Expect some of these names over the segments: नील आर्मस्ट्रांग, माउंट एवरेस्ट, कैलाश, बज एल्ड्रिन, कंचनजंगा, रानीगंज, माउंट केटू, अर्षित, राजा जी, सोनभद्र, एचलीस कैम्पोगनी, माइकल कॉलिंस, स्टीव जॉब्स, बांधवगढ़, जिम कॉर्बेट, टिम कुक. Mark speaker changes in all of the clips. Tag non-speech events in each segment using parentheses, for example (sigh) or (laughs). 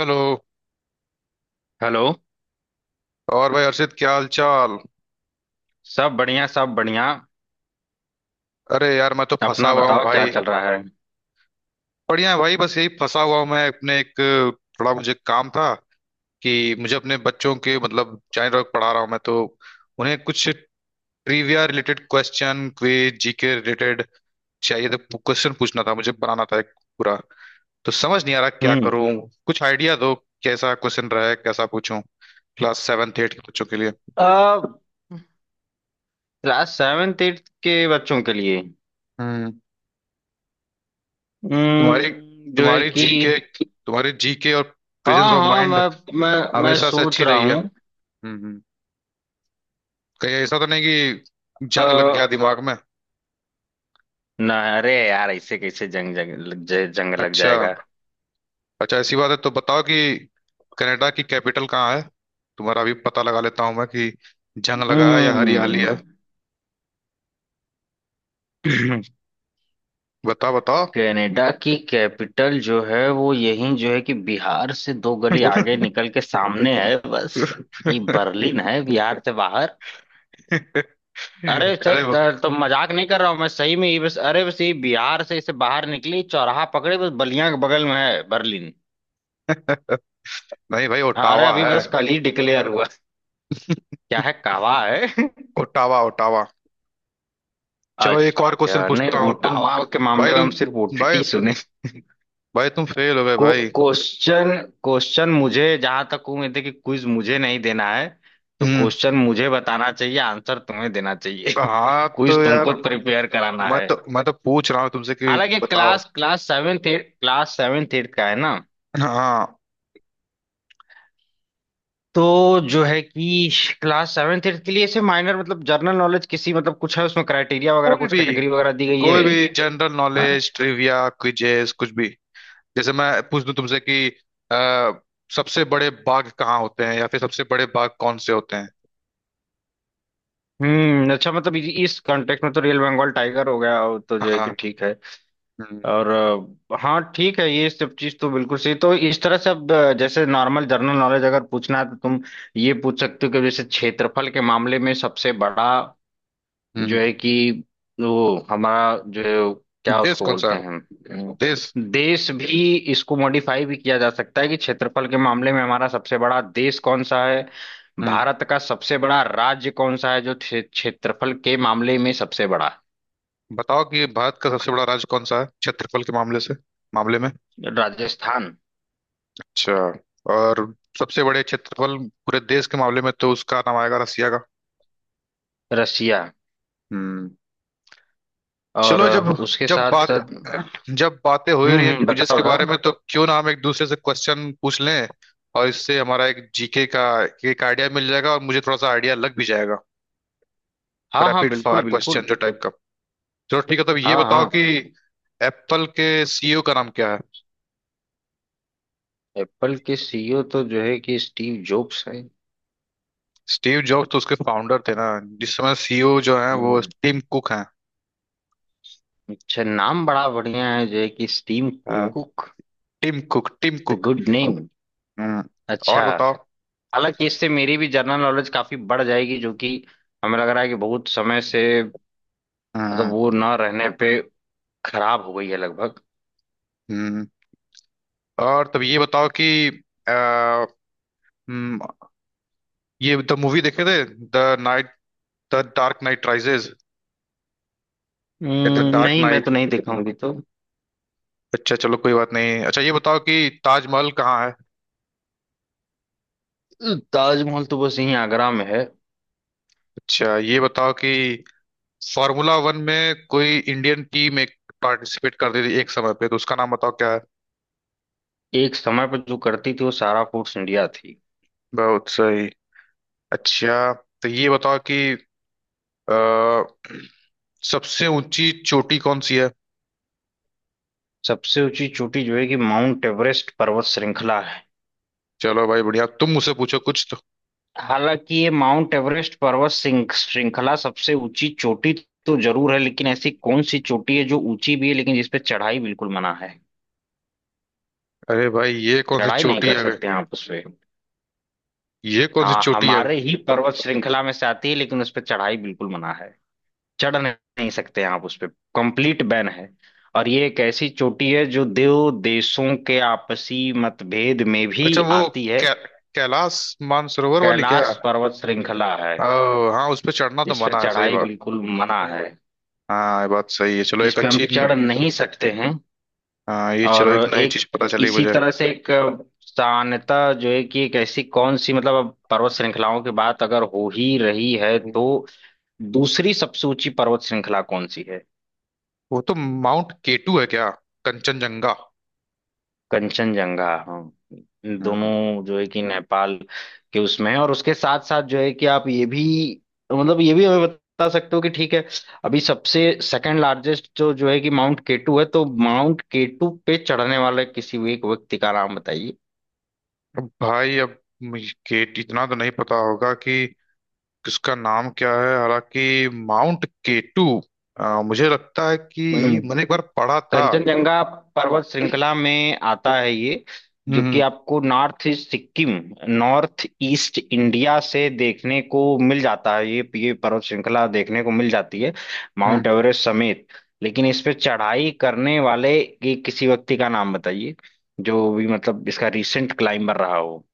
Speaker 1: Hello.
Speaker 2: Hello.
Speaker 1: और भाई अर्षित, क्या हाल चाल।
Speaker 2: सब बढ़िया सब बढ़िया।
Speaker 1: अरे यार, मैं तो फंसा
Speaker 2: अपना
Speaker 1: हुआ हूँ
Speaker 2: बताओ, क्या
Speaker 1: भाई।
Speaker 2: चल रहा है।
Speaker 1: बढ़िया है भाई, बस यही फंसा हुआ हूँ मैं अपने एक थोड़ा मुझे काम था कि मुझे अपने बच्चों के मतलब चाइल्ड वर्क पढ़ा रहा हूँ मैं, तो उन्हें कुछ trivia related question, quiz, GK related चाहिए, तो क्वेश्चन पूछना था, मुझे बनाना था एक पूरा। तो समझ नहीं आ रहा क्या
Speaker 2: हम्म।
Speaker 1: करूँ, कुछ आइडिया दो। कैसा क्वेश्चन रहे, कैसा पूछूं, क्लास सेवन एट के बच्चों के लिए।
Speaker 2: आ, क्लास सेवेंथ एट्थ के बच्चों के लिए।
Speaker 1: हम्म। तुम्हारी
Speaker 2: जो है
Speaker 1: तुम्हारी
Speaker 2: कि।
Speaker 1: जीके तुम्हारी जीके और
Speaker 2: हाँ
Speaker 1: प्रेजेंस ऑफ
Speaker 2: हाँ,
Speaker 1: माइंड
Speaker 2: मैं मैं
Speaker 1: हमेशा से
Speaker 2: सोच
Speaker 1: अच्छी
Speaker 2: रहा
Speaker 1: रही है।
Speaker 2: हूँ।
Speaker 1: हम्म। हम्म। कहीं ऐसा तो नहीं कि
Speaker 2: अ,
Speaker 1: जंग लग गया दिमाग में।
Speaker 2: ना, अरे यार, ऐसे कैसे जंग जंग लग जाए- जंग लग
Speaker 1: अच्छा।
Speaker 2: जाएगा।
Speaker 1: अच्छा, ऐसी बात है तो बताओ कि कनाडा की कैपिटल कहाँ है, तुम्हारा अभी पता लगा लेता हूँ मैं कि जंग लगा है या हरियाली
Speaker 2: हम्म।
Speaker 1: है।
Speaker 2: (clears throat)
Speaker 1: बताओ, बताओ।
Speaker 2: कनाडा की कैपिटल जो है वो यही जो है कि बिहार से दो गली आगे
Speaker 1: (laughs)
Speaker 2: निकल के सामने है बस। ये बर्लिन है बिहार से। अरे,
Speaker 1: अरे वो-
Speaker 2: तो मजाक नहीं कर रहा हूँ, मैं सही में ही, बस अरे बस ये बिहार से इसे बाहर निकली चौराहा पकड़े बस, बलिया के बगल में है बर्लिन।
Speaker 1: (laughs) नहीं भाई,
Speaker 2: हाँ, अरे
Speaker 1: ओटावा
Speaker 2: अभी
Speaker 1: है।
Speaker 2: बस कल ही डिक्लेयर हुआ। क्या है, कावा है। (laughs)
Speaker 1: Ottawa, Ottawa. चलो एक और क्वेश्चन
Speaker 2: अच्छा, नहीं
Speaker 1: पूछता हूँ।
Speaker 2: ओटावा के मामले में हम सिर्फ
Speaker 1: तुम भाई
Speaker 2: ओटीटी सुने।
Speaker 1: भाई तुम फेल हो गए
Speaker 2: को
Speaker 1: भाई।
Speaker 2: क्वेश्चन। क्वेश्चन मुझे, जहां तक उम्मीद है कि क्विज मुझे नहीं देना है, तो
Speaker 1: हम्म।
Speaker 2: क्वेश्चन मुझे बताना चाहिए, आंसर तुम्हें देना चाहिए। (laughs)
Speaker 1: हाँ, तो
Speaker 2: क्विज
Speaker 1: यार,
Speaker 2: तुमको प्रिपेयर कराना
Speaker 1: मैं
Speaker 2: है।
Speaker 1: तो मैं तो पूछ रहा हूँ तुमसे कि
Speaker 2: हालांकि
Speaker 1: बताओ।
Speaker 2: क्लास क्लास सेवेंथ एट का है ना।
Speaker 1: हाँ,
Speaker 2: तो जो है कि क्लास सेवेंथ एट्थ के लिए ऐसे माइनर, मतलब जनरल नॉलेज, किसी, मतलब कुछ है उसमें क्राइटेरिया वगैरह,
Speaker 1: कोई
Speaker 2: कुछ
Speaker 1: भी
Speaker 2: कैटेगरी वगैरह दी गई है।
Speaker 1: कोई भी जनरल
Speaker 2: हाँ?
Speaker 1: नॉलेज, ट्रिविया, क्विजेस, कुछ भी, जैसे मैं पूछ दूं तुमसे कि आ, सबसे बड़े बाघ कहाँ होते हैं, या फिर सबसे बड़े बाघ कौन से होते हैं।
Speaker 2: अच्छा, मतलब इस कॉन्टेक्स्ट में तो रियल बंगाल टाइगर हो गया वो, तो जो है कि
Speaker 1: हाँ।
Speaker 2: ठीक है।
Speaker 1: हम्म।
Speaker 2: और हाँ ठीक है, ये सब चीज तो बिल्कुल सही, तो इस तरह से अब जैसे नॉर्मल जनरल नॉलेज अगर पूछना है तो तुम ये पूछ सकते हो कि जैसे क्षेत्रफल के मामले में सबसे बड़ा
Speaker 1: हम्म।
Speaker 2: जो है कि वो हमारा जो, क्या
Speaker 1: देश
Speaker 2: उसको
Speaker 1: कौन सा
Speaker 2: बोलते हैं,
Speaker 1: है, देश।
Speaker 2: देश भी इसको मॉडिफाई भी किया जा सकता है कि क्षेत्रफल के मामले में हमारा सबसे बड़ा देश कौन सा है।
Speaker 1: हम्म।
Speaker 2: भारत का सबसे बड़ा राज्य कौन सा है जो क्षेत्रफल के मामले में सबसे बड़ा
Speaker 1: बताओ कि भारत का सबसे बड़ा राज्य कौन सा है, क्षेत्रफल के मामले में।
Speaker 2: है? राजस्थान।
Speaker 1: अच्छा। और सबसे बड़े क्षेत्रफल पूरे देश के मामले में तो उसका नाम आएगा रसिया का।
Speaker 2: रसिया।
Speaker 1: हम्म।
Speaker 2: और
Speaker 1: चलो, जब
Speaker 2: उसके
Speaker 1: जब
Speaker 2: साथ
Speaker 1: बात
Speaker 2: साथ।
Speaker 1: जब बातें हो ही रही
Speaker 2: हम्म,
Speaker 1: हैं
Speaker 2: हम्म,
Speaker 1: क्विजेस
Speaker 2: बताओ
Speaker 1: के बारे
Speaker 2: बताओ।
Speaker 1: में, तो क्यों ना हम एक दूसरे से क्वेश्चन पूछ लें, और इससे हमारा एक जीके का एक आइडिया मिल जाएगा, और मुझे थोड़ा सा आइडिया लग भी जाएगा।
Speaker 2: हाँ हाँ
Speaker 1: रैपिड
Speaker 2: बिल्कुल
Speaker 1: फायर क्वेश्चन
Speaker 2: बिल्कुल।
Speaker 1: जो टाइप का। चलो ठीक है, तब ये
Speaker 2: हाँ
Speaker 1: बताओ
Speaker 2: हाँ।
Speaker 1: कि एप्पल के सीईओ का नाम क्या है।
Speaker 2: एप्पल के सीईओ तो जो है कि स्टीव जॉब्स।
Speaker 1: स्टीव जॉब्स तो उसके फाउंडर थे ना, जिस समय सीईओ जो है वो
Speaker 2: है।
Speaker 1: टिम कुक हैं।
Speaker 2: अच्छा, नाम बड़ा बढ़िया है जो है कि स्टीम
Speaker 1: हाँ।
Speaker 2: Cook.
Speaker 1: टिम कुक, Tim
Speaker 2: the
Speaker 1: Cook.
Speaker 2: Good name.
Speaker 1: हम्म।
Speaker 2: अच्छा।
Speaker 1: और बताओ।
Speaker 2: हालांकि इससे मेरी भी जनरल नॉलेज काफी बढ़ जाएगी जो कि हमें लग रहा है कि बहुत समय से, मतलब वो
Speaker 1: हम्म।
Speaker 2: ना रहने पे खराब हो गई है लगभग।
Speaker 1: हम्म। और तब ये बताओ कि अ, हम्म, ये द मूवी देखे थे, the knight the dark knight rises, the dark
Speaker 2: नहीं मैं तो
Speaker 1: नाइट।
Speaker 2: नहीं दिखाऊंगी तो।
Speaker 1: अच्छा चलो कोई बात नहीं। अच्छा ये बताओ कि ताजमहल कहाँ है।
Speaker 2: ताजमहल तो बस यहीं आगरा में है।
Speaker 1: अच्छा ये बताओ कि फार्मूला वन में कोई इंडियन टीम एक पार्टिसिपेट कर रही थी एक समय पे, तो उसका नाम बताओ क्या है।
Speaker 2: एक समय पर जो करती थी वो सारा फूड्स इंडिया थी।
Speaker 1: बहुत सही। अच्छा तो ये बताओ कि अ, सबसे ऊंची चोटी कौन सी है।
Speaker 2: सबसे ऊंची चोटी जो है कि माउंट एवरेस्ट पर्वत श्रृंखला।
Speaker 1: चलो भाई बढ़िया, तुम मुझसे पूछो कुछ तो।
Speaker 2: हालांकि ये माउंट एवरेस्ट पर्वत श्रृंखला सबसे ऊंची चोटी तो जरूर है, लेकिन ऐसी कौन सी चोटी है जो ऊंची भी है लेकिन जिस पे चढ़ाई बिल्कुल मना है।
Speaker 1: अरे भाई, ये कौन सी
Speaker 2: चढ़ाई नहीं
Speaker 1: चोटी
Speaker 2: कर
Speaker 1: आ गई,
Speaker 2: सकते हैं आप उस पे।
Speaker 1: ये कौन सी
Speaker 2: हाँ,
Speaker 1: चोटी है।
Speaker 2: हमारे ही पर्वत श्रृंखला में से आती है लेकिन उस पे चढ़ाई बिल्कुल मना है। चढ़ नहीं नहीं सकते हैं आप उस पे। कंप्लीट बैन है। और ये एक ऐसी चोटी है जो दो देशों के आपसी मतभेद में भी
Speaker 1: अच्छा, वो
Speaker 2: आती है।
Speaker 1: कै, कैलाश मानसरोवर वाली क्या।
Speaker 2: कैलाश पर्वत श्रृंखला है।
Speaker 1: ओ, हाँ, उस पे चढ़ना तो
Speaker 2: इस पे
Speaker 1: मना है, सही
Speaker 2: चढ़ाई
Speaker 1: बात।
Speaker 2: बिल्कुल मना है।
Speaker 1: हाँ, ये बात सही है। चलो
Speaker 2: इस
Speaker 1: एक
Speaker 2: पे हम
Speaker 1: अच्छी
Speaker 2: चढ़ नहीं सकते हैं।
Speaker 1: हाँ, ये
Speaker 2: और
Speaker 1: चलो, एक नई
Speaker 2: एक
Speaker 1: चीज पता
Speaker 2: एक
Speaker 1: चली
Speaker 2: इसी
Speaker 1: मुझे।
Speaker 2: तरह से एक सान्यता जो है कि एक ऐसी कौन सी, मतलब अब पर्वत श्रृंखलाओं की बात अगर हो ही रही है तो दूसरी सबसे ऊंची पर्वत श्रृंखला कौन सी है।
Speaker 1: वो तो माउंट केटू है क्या। कंचनजंगा।
Speaker 2: कंचनजंगा। हाँ।
Speaker 1: हम्म।
Speaker 2: दोनों जो है कि नेपाल के उसमें है और उसके साथ साथ जो है कि आप ये भी, मतलब ये भी हमें बता सकते हो कि ठीक है, अभी सबसे सेकंड लार्जेस्ट जो जो है कि माउंट केटू है तो माउंट केटू पे चढ़ने वाले किसी भी एक व्यक्ति का नाम बताइए।
Speaker 1: अब भाई, अब मुझे केट इतना तो नहीं पता होगा कि किसका नाम क्या है, हालांकि माउंट केटू मुझे लगता है कि
Speaker 2: हम्म।
Speaker 1: मैंने एक बार पढ़ा था।
Speaker 2: कंचनजंगा पर्वत श्रृंखला में आता है ये,
Speaker 1: हम्म।
Speaker 2: जो कि
Speaker 1: हम्म।
Speaker 2: आपको north east Sikkim north east India से देखने को मिल जाता है, ये पर्वत श्रृंखला देखने को मिल जाती है,
Speaker 1: हम्म।
Speaker 2: माउंट एवरेस्ट समेत। लेकिन इस पे चढ़ाई करने वाले की किसी व्यक्ति का नाम बताइए, जो भी मतलब इसका रिसेंट क्लाइंबर रहा हो।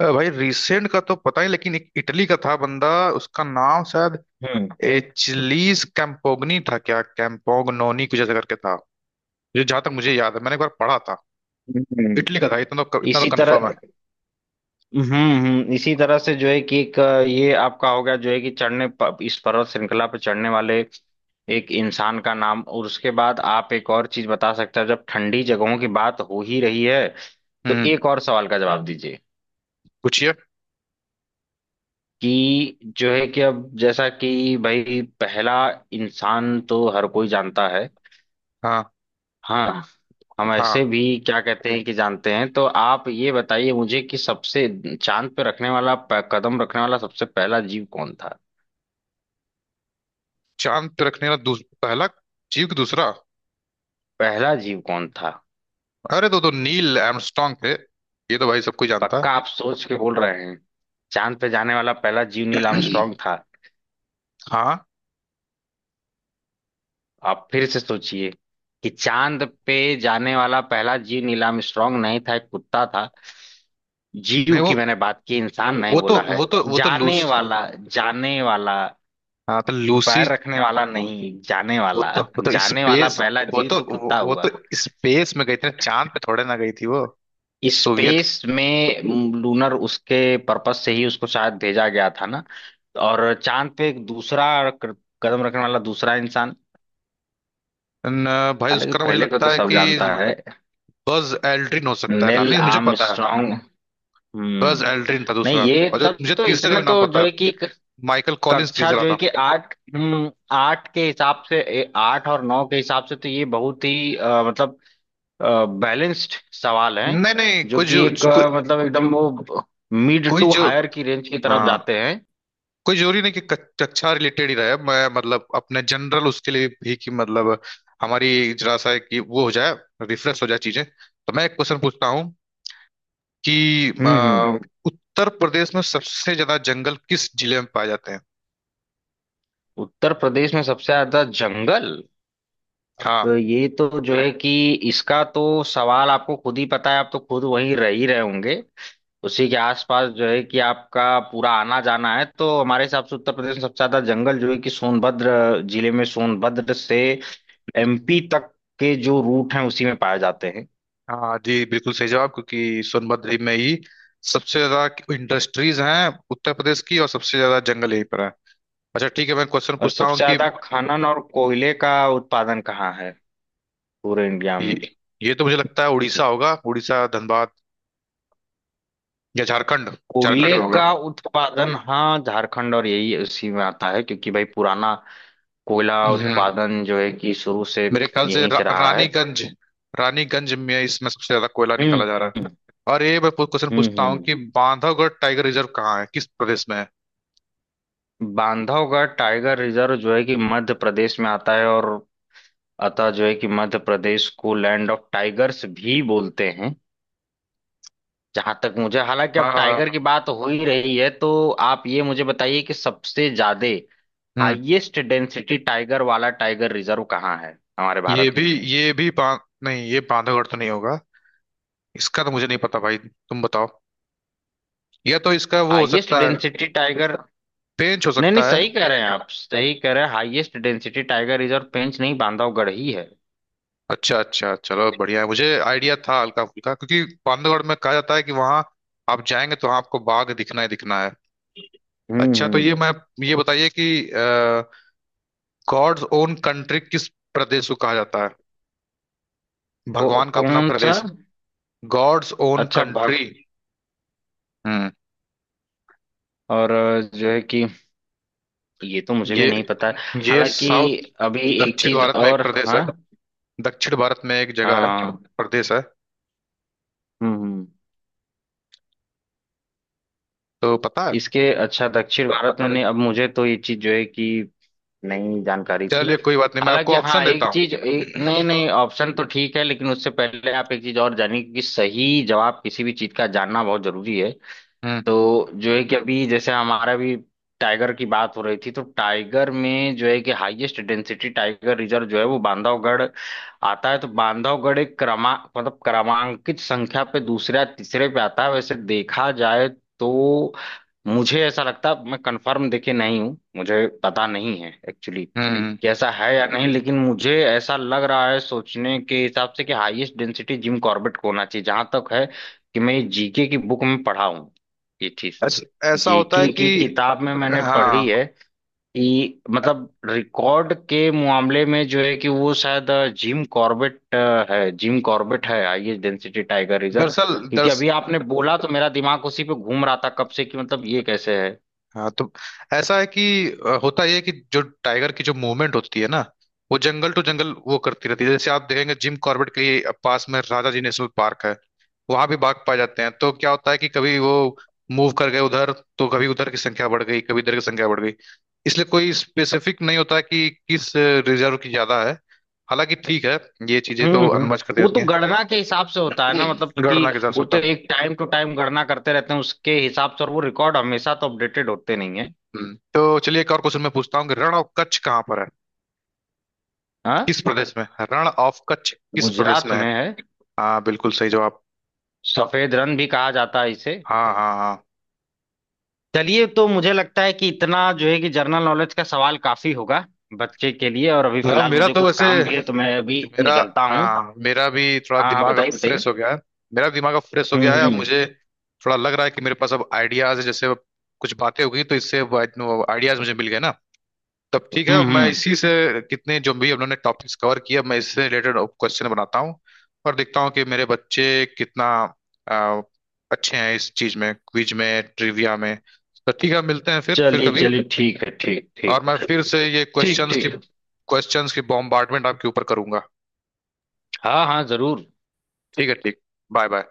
Speaker 1: भाई, रिसेंट का तो पता ही, लेकिन एक इटली का था बंदा, उसका नाम शायद
Speaker 2: हम्म
Speaker 1: एचलीस कैम्पोगनी था क्या, कैम्पोगनोनी कुछ ऐसा करके था, जो जहां तक मुझे याद है मैंने एक बार पढ़ा था।
Speaker 2: हम्म।
Speaker 1: इटली का था, इतना तो इतना
Speaker 2: इसी
Speaker 1: तो कंफर्म है।
Speaker 2: तरह। हम्म इसी तरह से जो है कि एक ये आपका हो गया जो है कि चढ़ने इस पर्वत श्रृंखला पर चढ़ने वाले एक इंसान का नाम, और उसके बाद आप एक और चीज बता सकते हैं जब ठंडी जगहों की बात हो ही रही है। तो
Speaker 1: हम्म।
Speaker 2: एक और सवाल का जवाब दीजिए
Speaker 1: पूछिए।
Speaker 2: कि जो है कि अब जैसा कि भाई पहला इंसान तो हर कोई जानता है।
Speaker 1: हाँ।
Speaker 2: हाँ। हम ऐसे
Speaker 1: हाँ।
Speaker 2: भी क्या कहते हैं कि जानते हैं, तो आप ये बताइए मुझे कि सबसे चांद पे रखने वाला कदम रखने वाला सबसे पहला जीव कौन था।
Speaker 1: चांद पे रखने वाला पहला जीव, की दूसरा।
Speaker 2: पहला जीव कौन था।
Speaker 1: अरे, तो नील आर्मस्ट्रांग थे, ये तो भाई सब कोई जानता है।
Speaker 2: पक्का आप सोच के बोल रहे हैं चांद पे जाने वाला पहला जीव नील आर्मस्ट्रांग था?
Speaker 1: हाँ।
Speaker 2: आप फिर से सोचिए कि चांद पे जाने वाला पहला जीव नील आर्मस्ट्रांग नहीं था, एक कुत्ता था।
Speaker 1: नहीं,
Speaker 2: जीव
Speaker 1: वो
Speaker 2: की मैंने बात की, इंसान नहीं
Speaker 1: वो तो
Speaker 2: बोला है।
Speaker 1: वो तो वो तो
Speaker 2: जाने
Speaker 1: लूस
Speaker 2: वाला, जाने वाला।
Speaker 1: हाँ, तो लूसी,
Speaker 2: पैर रखने वाला नहीं, जाने
Speaker 1: वो
Speaker 2: वाला।
Speaker 1: तो वो तो
Speaker 2: जाने वाला
Speaker 1: स्पेस,
Speaker 2: पहला
Speaker 1: वो
Speaker 2: जीव
Speaker 1: तो
Speaker 2: तो
Speaker 1: वो,
Speaker 2: कुत्ता
Speaker 1: वो तो
Speaker 2: हुआ।
Speaker 1: स्पेस में गई थी ना, चांद पे थोड़े ना गई थी वो, सोवियत।
Speaker 2: स्पेस में। लूनर उसके पर्पस से ही उसको शायद भेजा गया था ना। और चांद पे एक दूसरा कदम रखने वाला दूसरा इंसान।
Speaker 1: न, भाई,
Speaker 2: हालांकि
Speaker 1: उसका ना मुझे
Speaker 2: पहले को तो
Speaker 1: लगता है
Speaker 2: सब
Speaker 1: कि
Speaker 2: जानता है,
Speaker 1: बज एल्ड्रिन हो सकता है ना,
Speaker 2: नील
Speaker 1: नहीं, मुझे पता है,
Speaker 2: आर्मस्ट्रांग।
Speaker 1: बज
Speaker 2: हम्म।
Speaker 1: एल्ड्रिन था
Speaker 2: नहीं,
Speaker 1: दूसरा।
Speaker 2: ये
Speaker 1: और जो
Speaker 2: तब
Speaker 1: मुझे
Speaker 2: तो
Speaker 1: तीसरे का
Speaker 2: इतने
Speaker 1: भी नाम
Speaker 2: तो
Speaker 1: पता
Speaker 2: जो
Speaker 1: है,
Speaker 2: है कि एक
Speaker 1: माइकल कॉलिंस
Speaker 2: कक्षा
Speaker 1: तीसरा
Speaker 2: जो है
Speaker 1: था।
Speaker 2: कि आठ। हम्म। आठ के हिसाब से आठ और नौ के हिसाब से तो ये बहुत ही मतलब बैलेंस्ड सवाल हैं।
Speaker 1: नहीं, नहीं,
Speaker 2: जो
Speaker 1: कोई
Speaker 2: कि
Speaker 1: जो
Speaker 2: एक
Speaker 1: कोई
Speaker 2: मतलब एकदम वो मिड
Speaker 1: कोई
Speaker 2: टू
Speaker 1: जो
Speaker 2: हायर की रेंज की तरफ
Speaker 1: हाँ,
Speaker 2: जाते हैं।
Speaker 1: कोई जरूरी नहीं कि कक्षा रिलेटेड ही रहे, मैं मतलब अपने जनरल उसके लिए भी कि, मतलब हमारी जरा सा है कि वो हो जाए, रिफ्रेश हो जाए चीजें, तो मैं एक क्वेश्चन पूछता हूँ कि
Speaker 2: हम्म।
Speaker 1: अ, उत्तर प्रदेश में सबसे ज्यादा जंगल किस जिले में पाए जाते हैं।
Speaker 2: उत्तर प्रदेश में सबसे ज्यादा जंगल, अब
Speaker 1: हाँ।
Speaker 2: ये तो जो है कि इसका तो सवाल आपको खुद ही पता है। आप तो खुद वहीं रह ही रहे होंगे उसी के आसपास, जो है कि आपका पूरा आना जाना है, तो हमारे हिसाब से उत्तर प्रदेश में सबसे ज्यादा जंगल जो है कि सोनभद्र जिले में, सोनभद्र से एमपी तक के जो रूट हैं उसी में पाए जाते हैं।
Speaker 1: हाँ जी, बिल्कुल सही जवाब, क्योंकि सोनभद्र में ही सबसे ज्यादा इंडस्ट्रीज हैं उत्तर प्रदेश की, और सबसे ज्यादा जंगल यहीं पर है। अच्छा ठीक है, मैं क्वेश्चन
Speaker 2: और
Speaker 1: पूछता
Speaker 2: सबसे
Speaker 1: हूँ कि
Speaker 2: ज्यादा खनन और कोयले का उत्पादन कहाँ है पूरे इंडिया
Speaker 1: ये,
Speaker 2: में?
Speaker 1: ये तो मुझे लगता है उड़ीसा होगा, उड़ीसा, धनबाद या झारखंड, झारखंड
Speaker 2: कोयले
Speaker 1: में होगा।
Speaker 2: का उत्पादन, हाँ झारखंड, और यही उसी में आता है क्योंकि भाई पुराना कोयला
Speaker 1: हम्म,
Speaker 2: उत्पादन जो है कि शुरू से
Speaker 1: मेरे ख्याल से
Speaker 2: यहीं से रहा है।
Speaker 1: रानीगंज, रानीगंज में इसमें सबसे ज्यादा कोयला निकाला
Speaker 2: हम्म
Speaker 1: जा रहा है। और ये मैं क्वेश्चन पूछता हूँ
Speaker 2: हम्म।
Speaker 1: कि बांधवगढ़ टाइगर रिजर्व कहाँ है, किस प्रदेश में है।
Speaker 2: बांधवगढ़ टाइगर रिजर्व जो है कि मध्य प्रदेश में आता है, और अतः जो है कि मध्य प्रदेश को लैंड ऑफ टाइगर्स भी बोलते हैं। जहां तक मुझे, हालांकि अब टाइगर की
Speaker 1: हाँ।
Speaker 2: बात हो ही रही है, तो आप ये मुझे बताइए कि सबसे ज्यादा
Speaker 1: हम्म।
Speaker 2: हाईएस्ट डेंसिटी टाइगर वाला टाइगर रिजर्व कहाँ है हमारे
Speaker 1: ये
Speaker 2: भारत
Speaker 1: भी
Speaker 2: में।
Speaker 1: ये भी बां, नहीं, ये बांधवगढ़ तो नहीं होगा, इसका तो मुझे नहीं पता भाई, तुम बताओ, या तो इसका वो हो
Speaker 2: हाईएस्ट
Speaker 1: सकता है,
Speaker 2: डेंसिटी टाइगर।
Speaker 1: पेंच हो
Speaker 2: नहीं नहीं,
Speaker 1: सकता है।
Speaker 2: सही कह रहे हैं आप, सही कह रहे हैं, highest density tiger reserve Pench नहीं, बांधवगढ़ ही है।
Speaker 1: अच्छा, अच्छा, चलो बढ़िया है, मुझे आइडिया था हल्का फुल्का क्योंकि बांधवगढ़ में कहा जाता है कि वहां आप जाएंगे तो वहाँ आपको बाघ दिखना ही दिखना है। अच्छा, तो
Speaker 2: हम्म।
Speaker 1: ये बताइए कि गॉड्स ओन कंट्री किस प्रदेश को कहा जाता है,
Speaker 2: को,
Speaker 1: भगवान का अपना
Speaker 2: कौन सा।
Speaker 1: प्रदेश, गॉड्स ओन
Speaker 2: अच्छा भाग।
Speaker 1: कंट्री। हम्म।
Speaker 2: और जो है कि ये तो मुझे भी
Speaker 1: ये
Speaker 2: नहीं पता है।
Speaker 1: ये
Speaker 2: हालांकि।
Speaker 1: साउथ
Speaker 2: अभी एक
Speaker 1: दक्षिण
Speaker 2: चीज
Speaker 1: भारत में एक
Speaker 2: और।
Speaker 1: प्रदेश है,
Speaker 2: हाँ।
Speaker 1: दक्षिण भारत में एक जगह है,
Speaker 2: हाँ।
Speaker 1: प्रदेश है,
Speaker 2: हम्म हम्म।
Speaker 1: तो पता है।
Speaker 2: इसके, अच्छा दक्षिण भारत में नहीं, अब मुझे तो ये चीज जो है कि नहीं जानकारी थी।
Speaker 1: चलिए कोई बात नहीं, मैं आपको
Speaker 2: हालांकि हाँ
Speaker 1: ऑप्शन देता
Speaker 2: एक
Speaker 1: हूँ।
Speaker 2: चीज नहीं नहीं, ऑप्शन तो ठीक है, लेकिन उससे पहले आप एक चीज और जानिए कि सही जवाब किसी भी चीज का जानना बहुत जरूरी है।
Speaker 1: हम्म।
Speaker 2: तो जो है कि अभी जैसे हमारा भी टाइगर की बात हो रही थी तो टाइगर में जो है कि हाईएस्ट डेंसिटी टाइगर रिजर्व जो है वो बांधवगढ़ आता है। तो बांधवगढ़ एक क्रमांकित संख्या पे दूसरा तीसरे पे आता है वैसे देखा जाए। तो मुझे ऐसा लगता है, मैं कंफर्म देखे नहीं हूँ, मुझे पता नहीं है एक्चुअली
Speaker 1: हम्म। हम्म।
Speaker 2: कि ऐसा है या नहीं, लेकिन मुझे ऐसा लग रहा है सोचने के हिसाब से कि हाईएस्ट डेंसिटी जिम कॉर्बेट को होना चाहिए, जहां तक है कि मैं जीके की बुक में पढ़ा हूं ये चीज।
Speaker 1: ऐसा होता
Speaker 2: जीके
Speaker 1: है कि,
Speaker 2: की किताब में मैंने पढ़ी
Speaker 1: हाँ,
Speaker 2: है कि मतलब रिकॉर्ड के मामले में जो है कि वो शायद जिम कॉर्बेट है। जिम कॉर्बेट है हाईएस्ट डेंसिटी टाइगर रिजर्व,
Speaker 1: दरअसल,
Speaker 2: क्योंकि अभी आपने बोला तो मेरा दिमाग उसी पे घूम रहा था कब से कि मतलब ये कैसे है।
Speaker 1: तो ऐसा है कि होता यह है कि जो टाइगर की जो मूवमेंट होती है ना, वो जंगल टू जंगल वो करती रहती है, जैसे आप देखेंगे जिम कॉर्बेट के ही पास में राजा जी नेशनल पार्क है, वहां भी बाघ पाए जाते हैं, तो क्या होता है कि कभी वो मूव कर गए उधर, तो कभी उधर की संख्या बढ़ गई, कभी इधर की संख्या बढ़ गई, इसलिए कोई स्पेसिफिक नहीं होता कि किस रिजर्व की ज्यादा है, हालांकि ठीक है, ये चीजें
Speaker 2: हम्म
Speaker 1: तो
Speaker 2: हम्म।
Speaker 1: अनुमति कर
Speaker 2: वो
Speaker 1: देती
Speaker 2: तो
Speaker 1: हैं,
Speaker 2: गणना के हिसाब से होता है ना, मतलब कि
Speaker 1: गणना के हिसाब से
Speaker 2: वो
Speaker 1: होता
Speaker 2: तो
Speaker 1: है।
Speaker 2: एक टाइम टू टाइम गणना करते रहते हैं उसके हिसाब से, और वो रिकॉर्ड हमेशा तो अपडेटेड होते नहीं है।
Speaker 1: हम्म। तो चलिए एक और क्वेश्चन मैं पूछता हूँ कि रण ऑफ कच्छ कहाँ पर है,
Speaker 2: हाँ।
Speaker 1: किस प्रदेश में है? रण ऑफ कच्छ किस प्रदेश
Speaker 2: गुजरात
Speaker 1: में है।
Speaker 2: में है।
Speaker 1: हाँ बिल्कुल सही जवाब।
Speaker 2: सफेद रण भी कहा जाता है इसे।
Speaker 1: हाँ, हाँ, हाँ।
Speaker 2: चलिए तो मुझे लगता है कि इतना जो है कि जनरल नॉलेज का सवाल काफी होगा बच्चे के लिए, और अभी
Speaker 1: हाँ,
Speaker 2: फिलहाल
Speaker 1: मेरा
Speaker 2: मुझे
Speaker 1: तो
Speaker 2: कुछ
Speaker 1: वैसे
Speaker 2: काम भी है, तो मैं अभी
Speaker 1: मेरा
Speaker 2: निकलता हूँ।
Speaker 1: हाँ, मेरा भी थोड़ा
Speaker 2: हाँ हाँ
Speaker 1: दिमाग अब
Speaker 2: बताइए बताइए।
Speaker 1: फ्रेश हो गया है, मेरा दिमाग अब फ्रेश हो
Speaker 2: हम्म
Speaker 1: गया है, अब
Speaker 2: हम्म
Speaker 1: मुझे थोड़ा लग रहा है कि मेरे पास अब आइडियाज है, जैसे अब कुछ बातें हो गई तो इससे आइडियाज मुझे मिल गए ना, तब ठीक है मैं
Speaker 2: हम्म।
Speaker 1: इसी से कितने जो भी उन्होंने टॉपिक्स कवर किया मैं इससे रिलेटेड क्वेश्चन बनाता हूँ, और देखता हूँ कि मेरे बच्चे कितना अ, अच्छे हैं इस चीज में, क्विज में, ट्रिविया में। तो ठीक है, मिलते हैं फिर
Speaker 2: चलिए
Speaker 1: कभी,
Speaker 2: चलिए ठीक है, ठीक
Speaker 1: और
Speaker 2: ठीक
Speaker 1: मैं
Speaker 2: है।
Speaker 1: फिर से ये
Speaker 2: ठीक
Speaker 1: क्वेश्चंस की
Speaker 2: ठीक।
Speaker 1: क्वेश्चंस की बॉम्बार्डमेंट आपके ऊपर करूंगा।
Speaker 2: हाँ हाँ जरूर।
Speaker 1: ठीक है। ठीक। Bye bye.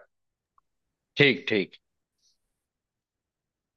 Speaker 2: ठीक ठीक।